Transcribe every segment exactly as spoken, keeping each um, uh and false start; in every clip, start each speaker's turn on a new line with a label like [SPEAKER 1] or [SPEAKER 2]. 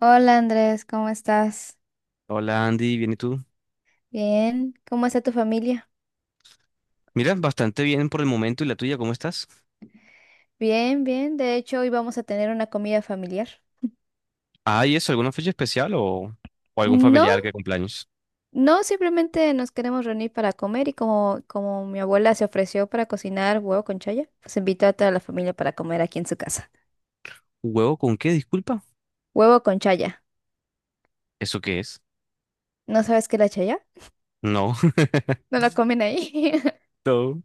[SPEAKER 1] Hola Andrés, ¿cómo estás?
[SPEAKER 2] Hola Andy, ¿bien y tú?
[SPEAKER 1] Bien, ¿cómo está tu familia?
[SPEAKER 2] Mira, bastante bien por el momento. ¿Y la tuya, cómo estás?
[SPEAKER 1] Bien, bien, de hecho hoy vamos a tener una comida familiar.
[SPEAKER 2] Ah, ¿y eso? ¿Alguna fecha especial o, o algún
[SPEAKER 1] No,
[SPEAKER 2] familiar que cumpleaños?
[SPEAKER 1] no, simplemente nos queremos reunir para comer y como, como mi abuela se ofreció para cocinar huevo con chaya, pues invitó a toda la familia para comer aquí en su casa.
[SPEAKER 2] ¿Huevo con qué? Disculpa.
[SPEAKER 1] Huevo con chaya.
[SPEAKER 2] ¿Eso qué es?
[SPEAKER 1] ¿No sabes qué es la chaya?
[SPEAKER 2] No.
[SPEAKER 1] No la comen ahí.
[SPEAKER 2] No.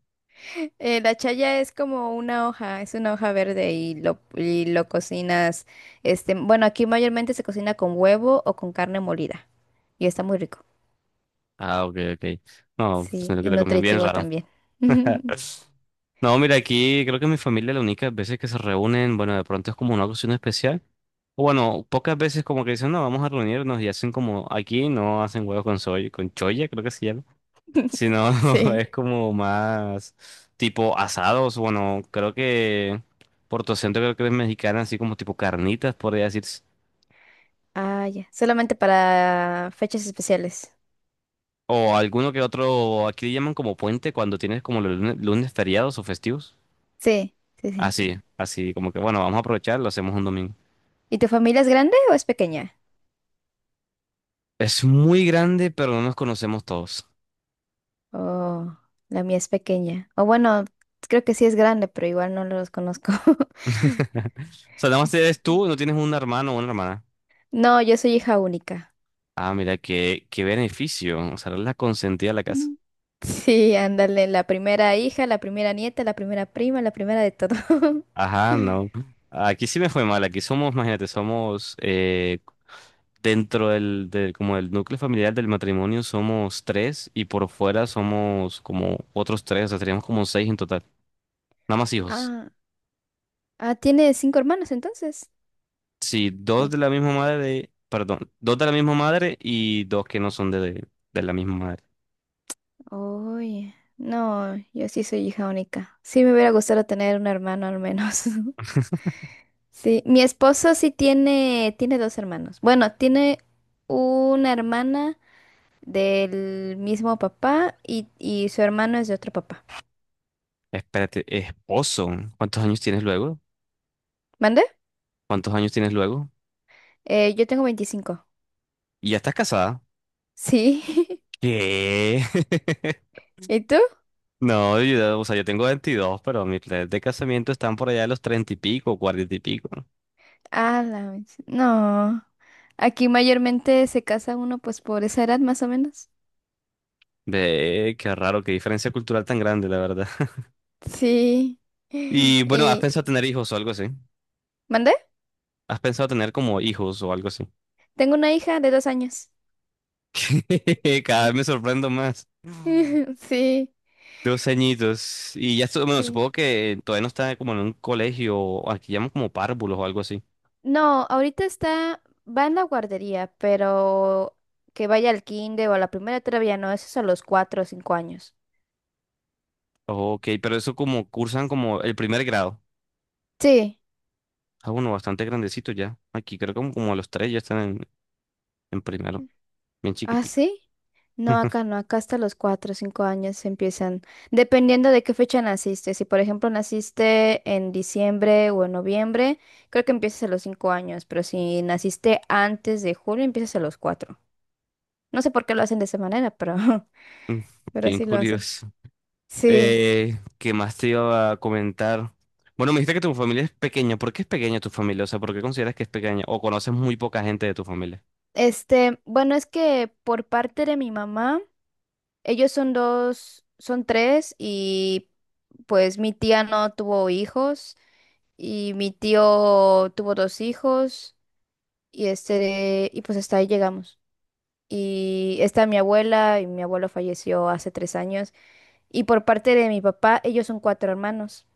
[SPEAKER 1] Eh, la chaya es como una hoja, es una hoja verde y lo, y lo cocinas, este, bueno, aquí mayormente se cocina con huevo o con carne molida y está muy rico.
[SPEAKER 2] Ah, OK, OK. No, pues,
[SPEAKER 1] Sí,
[SPEAKER 2] sino que
[SPEAKER 1] y
[SPEAKER 2] le comí bien
[SPEAKER 1] nutritivo
[SPEAKER 2] raro.
[SPEAKER 1] también.
[SPEAKER 2] No, mira, aquí creo que mi familia la única veces que se reúnen, bueno, de pronto es como una ocasión especial. O bueno, pocas veces como que dicen, no, vamos a reunirnos y hacen como aquí, no hacen huevo con soy, con choya, creo que se llama. Si no,
[SPEAKER 1] Sí.
[SPEAKER 2] es como más tipo asados. Bueno, creo que por tu acento creo que es mexicana, así como tipo carnitas, podría decirse.
[SPEAKER 1] Ah, ya. Solamente para fechas especiales.
[SPEAKER 2] O alguno que otro, aquí le llaman como puente cuando tienes como los lunes, lunes feriados o festivos.
[SPEAKER 1] Sí, sí, sí.
[SPEAKER 2] Así, así, como que bueno, vamos a aprovechar, lo hacemos un domingo.
[SPEAKER 1] ¿Y tu familia es grande o es pequeña?
[SPEAKER 2] Es muy grande, pero no nos conocemos todos.
[SPEAKER 1] Oh, la mía es pequeña. O bueno, creo que sí es grande, pero igual no los conozco.
[SPEAKER 2] O sea, nada más eres tú, no tienes un hermano o una hermana.
[SPEAKER 1] No, yo soy hija única.
[SPEAKER 2] Ah, mira, qué, qué beneficio. O sea, eres la consentida de la casa.
[SPEAKER 1] Mm. Sí, ándale, la primera hija, la primera nieta, la primera prima, la primera de todo.
[SPEAKER 2] Ajá, no. Aquí sí me fue mal. Aquí somos, imagínate, somos eh, dentro del, del- como del núcleo familiar del matrimonio somos tres y por fuera somos como otros tres, o sea, seríamos como seis en total. Nada más hijos.
[SPEAKER 1] Ah, ah, tiene cinco hermanos entonces.
[SPEAKER 2] Sí, dos de la misma madre, perdón, dos de la misma madre y dos que no son de, de de la misma madre.
[SPEAKER 1] Uy, no, yo sí soy hija única. Sí me hubiera gustado tener un hermano al menos. Sí, mi esposo sí tiene, tiene dos hermanos. Bueno, tiene una hermana del mismo papá y, y su hermano es de otro papá.
[SPEAKER 2] Espérate, esposo, ¿cuántos años tienes luego?
[SPEAKER 1] ¿Mande?
[SPEAKER 2] ¿Cuántos años tienes luego?
[SPEAKER 1] Eh, yo tengo veinticinco.
[SPEAKER 2] ¿Y ya estás casada?
[SPEAKER 1] Sí.
[SPEAKER 2] ¿Qué?
[SPEAKER 1] ¿Y tú?
[SPEAKER 2] No, yo, o sea, yo tengo veintidós, pero mis planes de casamiento están por allá de los treinta y pico, cuarenta y pico.
[SPEAKER 1] Ah, la mech- no. Aquí mayormente se casa uno pues por esa edad más o menos.
[SPEAKER 2] Ve, qué raro, qué diferencia cultural tan grande, la verdad.
[SPEAKER 1] Sí.
[SPEAKER 2] Y bueno, ¿has
[SPEAKER 1] Y...
[SPEAKER 2] pensado tener hijos o algo así?
[SPEAKER 1] ¿Mande?
[SPEAKER 2] ¿Has pensado tener como hijos o algo así?
[SPEAKER 1] Tengo una hija de dos años.
[SPEAKER 2] Cada vez me sorprendo más.
[SPEAKER 1] Sí,
[SPEAKER 2] Dos añitos. Y ya, estu- bueno,
[SPEAKER 1] sí.
[SPEAKER 2] supongo que todavía no está como en un colegio, o aquí llaman como párvulos o algo así.
[SPEAKER 1] No, ahorita está, va en la guardería, pero que vaya al kinder o a la primera todavía no, eso es a los cuatro o cinco años.
[SPEAKER 2] OK, pero eso como cursan como el primer grado.
[SPEAKER 1] Sí.
[SPEAKER 2] Ah, bueno, bastante grandecito ya. Aquí creo que como, como, a los tres ya están en, en primero, bien
[SPEAKER 1] ¿Ah,
[SPEAKER 2] chiquitico.
[SPEAKER 1] sí? No, acá no, acá hasta los cuatro o cinco años empiezan, dependiendo de qué fecha naciste. Si, por ejemplo, naciste en diciembre o en noviembre, creo que empiezas a los cinco años, pero si naciste antes de julio, empiezas a los cuatro. No sé por qué lo hacen de esa manera, pero, pero
[SPEAKER 2] Bien
[SPEAKER 1] sí lo hacen.
[SPEAKER 2] curioso.
[SPEAKER 1] Sí.
[SPEAKER 2] Eh, ¿qué más te iba a comentar? Bueno, me dijiste que tu familia es pequeña. ¿Por qué es pequeña tu familia? O sea, ¿por qué consideras que es pequeña? ¿O conoces muy poca gente de tu familia?
[SPEAKER 1] Este, bueno, es que por parte de mi mamá, ellos son dos, son tres y pues mi tía no tuvo hijos y mi tío tuvo dos hijos y este, y pues hasta ahí llegamos. Y está mi abuela y mi abuelo falleció hace tres años y por parte de mi papá, ellos son cuatro hermanos.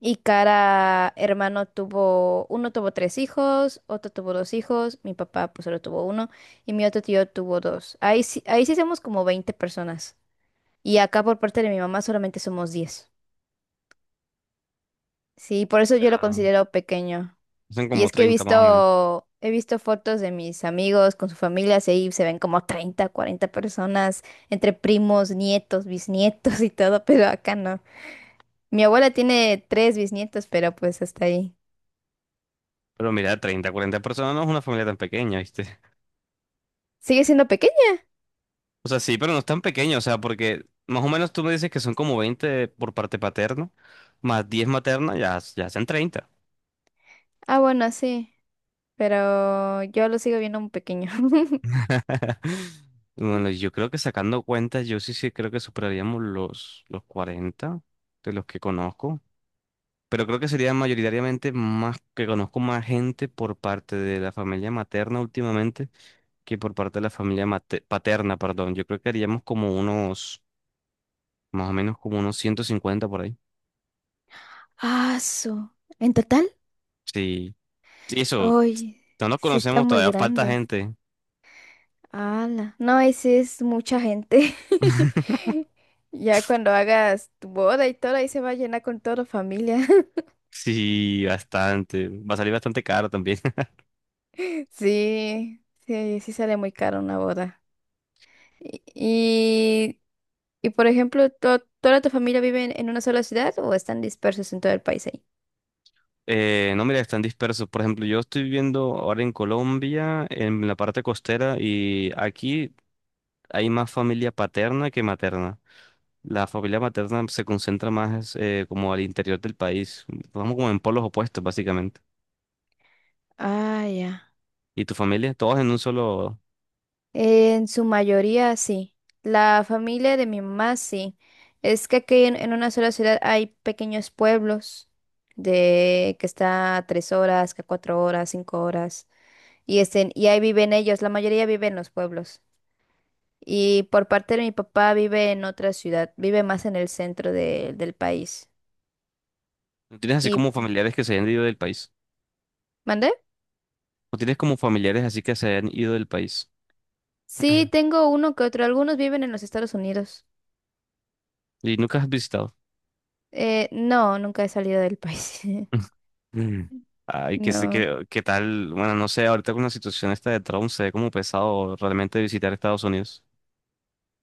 [SPEAKER 1] Y cada hermano tuvo, uno tuvo tres hijos, otro tuvo dos hijos, mi papá pues solo tuvo uno y mi otro tío tuvo dos. Ahí sí, ahí sí somos como veinte personas. Y acá por parte de mi mamá solamente somos diez. Sí, por eso yo lo
[SPEAKER 2] Ah,
[SPEAKER 1] considero pequeño.
[SPEAKER 2] Son
[SPEAKER 1] Y
[SPEAKER 2] como
[SPEAKER 1] es que he
[SPEAKER 2] treinta más o menos.
[SPEAKER 1] visto, he visto fotos de mis amigos con sus familias y ahí se ven como treinta cuarenta personas entre primos, nietos, bisnietos y todo, pero acá no. Mi abuela tiene tres bisnietos, pero pues hasta ahí.
[SPEAKER 2] Pero mira, treinta, cuarenta personas no es una familia tan pequeña, ¿viste?
[SPEAKER 1] ¿Sigue siendo pequeño?
[SPEAKER 2] O sea, sí, pero no es tan pequeña. O sea, porque más o menos tú me dices que son como veinte por parte paterna, más diez materna, ya, ya hacen treinta.
[SPEAKER 1] Ah, bueno, sí, pero yo lo sigo viendo muy pequeño.
[SPEAKER 2] Bueno, yo creo que sacando cuentas, yo sí, sí creo que superaríamos los, los cuarenta de los que conozco, pero creo que sería mayoritariamente más que conozco más gente por parte de la familia materna últimamente que por parte de la familia mate- paterna, perdón. Yo creo que haríamos como unos, más o menos como unos ciento cincuenta por ahí.
[SPEAKER 1] Ah, su. ¿En total?
[SPEAKER 2] Sí, sí, eso,
[SPEAKER 1] Ay,
[SPEAKER 2] no nos
[SPEAKER 1] sí está
[SPEAKER 2] conocemos,
[SPEAKER 1] muy
[SPEAKER 2] todavía falta
[SPEAKER 1] grande.
[SPEAKER 2] gente.
[SPEAKER 1] Ala. No, y sí es mucha gente. Ya cuando hagas tu boda y todo, ahí se va a llenar con toda la familia.
[SPEAKER 2] Sí, bastante. Va a salir bastante caro también.
[SPEAKER 1] Sí, sí, sí sale muy caro una boda. Y, y, y, por ejemplo, ¿to- ¿toda tu familia vive en en una sola ciudad o están dispersos en todo el país ahí?
[SPEAKER 2] Eh, no, mira, están dispersos. Por ejemplo, yo estoy viviendo ahora en Colombia, en la parte costera, y aquí hay más familia paterna que materna. La familia materna se concentra más eh, como al interior del país. Vamos como en polos opuestos, básicamente.
[SPEAKER 1] Ah, ya.
[SPEAKER 2] ¿Y tu familia? Todos en un solo...
[SPEAKER 1] En su mayoría, sí. La familia de mi mamá, sí. Es que aquí en, en una sola ciudad hay pequeños pueblos de que está a tres horas, que a cuatro horas, cinco horas. Y, estén, y ahí viven ellos, la mayoría vive en los pueblos. Y por parte de mi papá vive en otra ciudad, vive más en el centro de- del país.
[SPEAKER 2] ¿No tienes así
[SPEAKER 1] ¿Y
[SPEAKER 2] como familiares que se hayan ido del país?
[SPEAKER 1] mandé?
[SPEAKER 2] ¿O tienes como familiares así que se hayan ido del país?
[SPEAKER 1] Sí, tengo uno que otro. Algunos viven en los Estados Unidos.
[SPEAKER 2] ¿Y nunca has visitado?
[SPEAKER 1] Eh, no, nunca he salido del país.
[SPEAKER 2] Mm. Ay, qué, sé-
[SPEAKER 1] No.
[SPEAKER 2] qué, qué tal. Bueno, no sé, ahorita con la situación esta de Trump se ve como pesado realmente visitar Estados Unidos.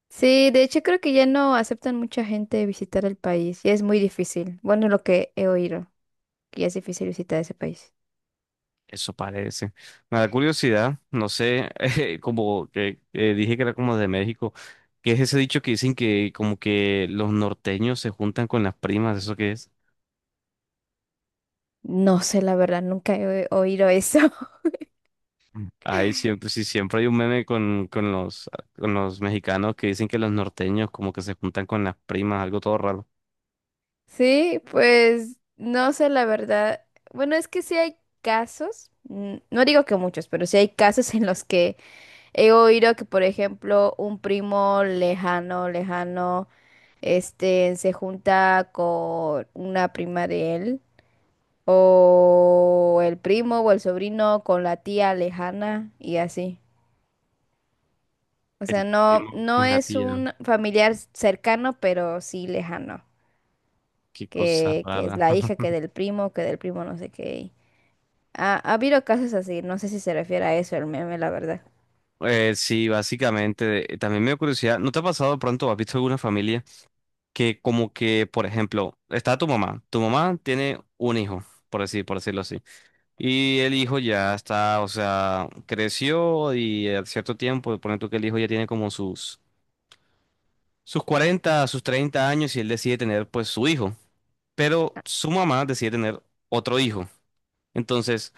[SPEAKER 1] Sí, de hecho creo que ya no aceptan mucha gente visitar el país. Ya es muy difícil. Bueno, lo que he oído, que ya es difícil visitar ese país.
[SPEAKER 2] Eso parece. Me da curiosidad, no sé, eh, como que eh, dije que era como de México, ¿qué es ese dicho que dicen que como que los norteños se juntan con las primas? ¿Eso qué es?
[SPEAKER 1] No sé la verdad, nunca he o- oído eso.
[SPEAKER 2] Mm. Ay, siempre, sí, siempre hay un meme con, con los, con los mexicanos que dicen que los norteños como que se juntan con las primas, algo todo raro.
[SPEAKER 1] Sí, pues no sé la verdad. Bueno, es que sí hay casos, mm, no digo que muchos, pero sí hay casos en los que he oído que, por ejemplo, un primo lejano, lejano, este, se junta con una prima de él, o el primo o el sobrino con la tía lejana y así. O sea,
[SPEAKER 2] El
[SPEAKER 1] no,
[SPEAKER 2] primo
[SPEAKER 1] no
[SPEAKER 2] con la
[SPEAKER 1] es
[SPEAKER 2] tía,
[SPEAKER 1] un familiar cercano, pero sí lejano,
[SPEAKER 2] qué cosa
[SPEAKER 1] que, que es
[SPEAKER 2] rara.
[SPEAKER 1] la hija que del primo, que del primo no sé qué. y- Ha, ha habido casos así, no sé si se refiere a eso el meme, la verdad.
[SPEAKER 2] Eh, sí, básicamente. eh, También me dio curiosidad. ¿No te ha pasado de pronto, has visto alguna familia que como que, por ejemplo, está tu mamá. Tu mamá tiene un hijo, por decir, por decirlo así. Y el hijo ya está, o sea, creció y a cierto tiempo, pone tú que el hijo ya tiene como sus, sus, cuarenta sus treinta años y él decide tener pues su hijo. Pero su mamá decide tener otro hijo. Entonces,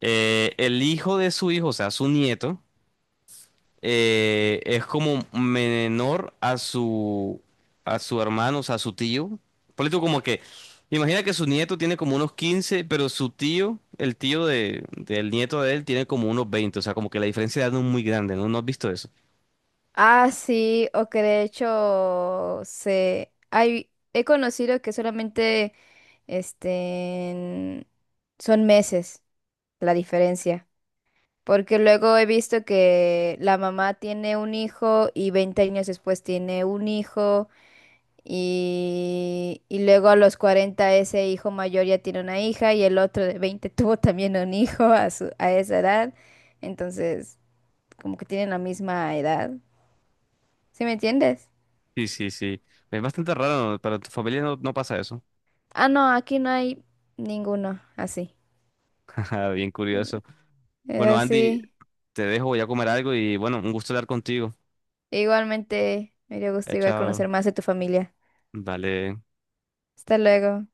[SPEAKER 2] eh, el hijo de su hijo, o sea, su nieto. eh, es como menor a su, a su hermano, o sea, a su tío. Ponle tú como que, imagina que su nieto tiene como unos quince pero su tío, el tío de, del nieto de él, tiene como unos veinte o sea, como que la diferencia de edad no es muy grande, ¿no? ¿No has visto eso?
[SPEAKER 1] Ah, sí, o que de hecho se hay he conocido que solamente este son meses la diferencia. Porque luego he visto que la mamá tiene un hijo y veinte años después tiene un hijo y, y luego a los cuarenta ese hijo mayor ya tiene una hija y el otro de veinte tuvo también un hijo a su, a esa edad. Entonces, como que tienen la misma edad. ¿Sí me entiendes?
[SPEAKER 2] Sí, sí, sí. Es bastante raro, ¿no? Para tu familia no, no pasa eso.
[SPEAKER 1] Ah, no, aquí no hay ninguno así.
[SPEAKER 2] Bien curioso.
[SPEAKER 1] Era
[SPEAKER 2] Bueno, Andy,
[SPEAKER 1] así.
[SPEAKER 2] te dejo, voy a comer algo y bueno, un gusto hablar contigo.
[SPEAKER 1] Igualmente, me dio
[SPEAKER 2] Chao,
[SPEAKER 1] gusto igual
[SPEAKER 2] chao.
[SPEAKER 1] conocer más de tu familia.
[SPEAKER 2] Vale.
[SPEAKER 1] Hasta luego.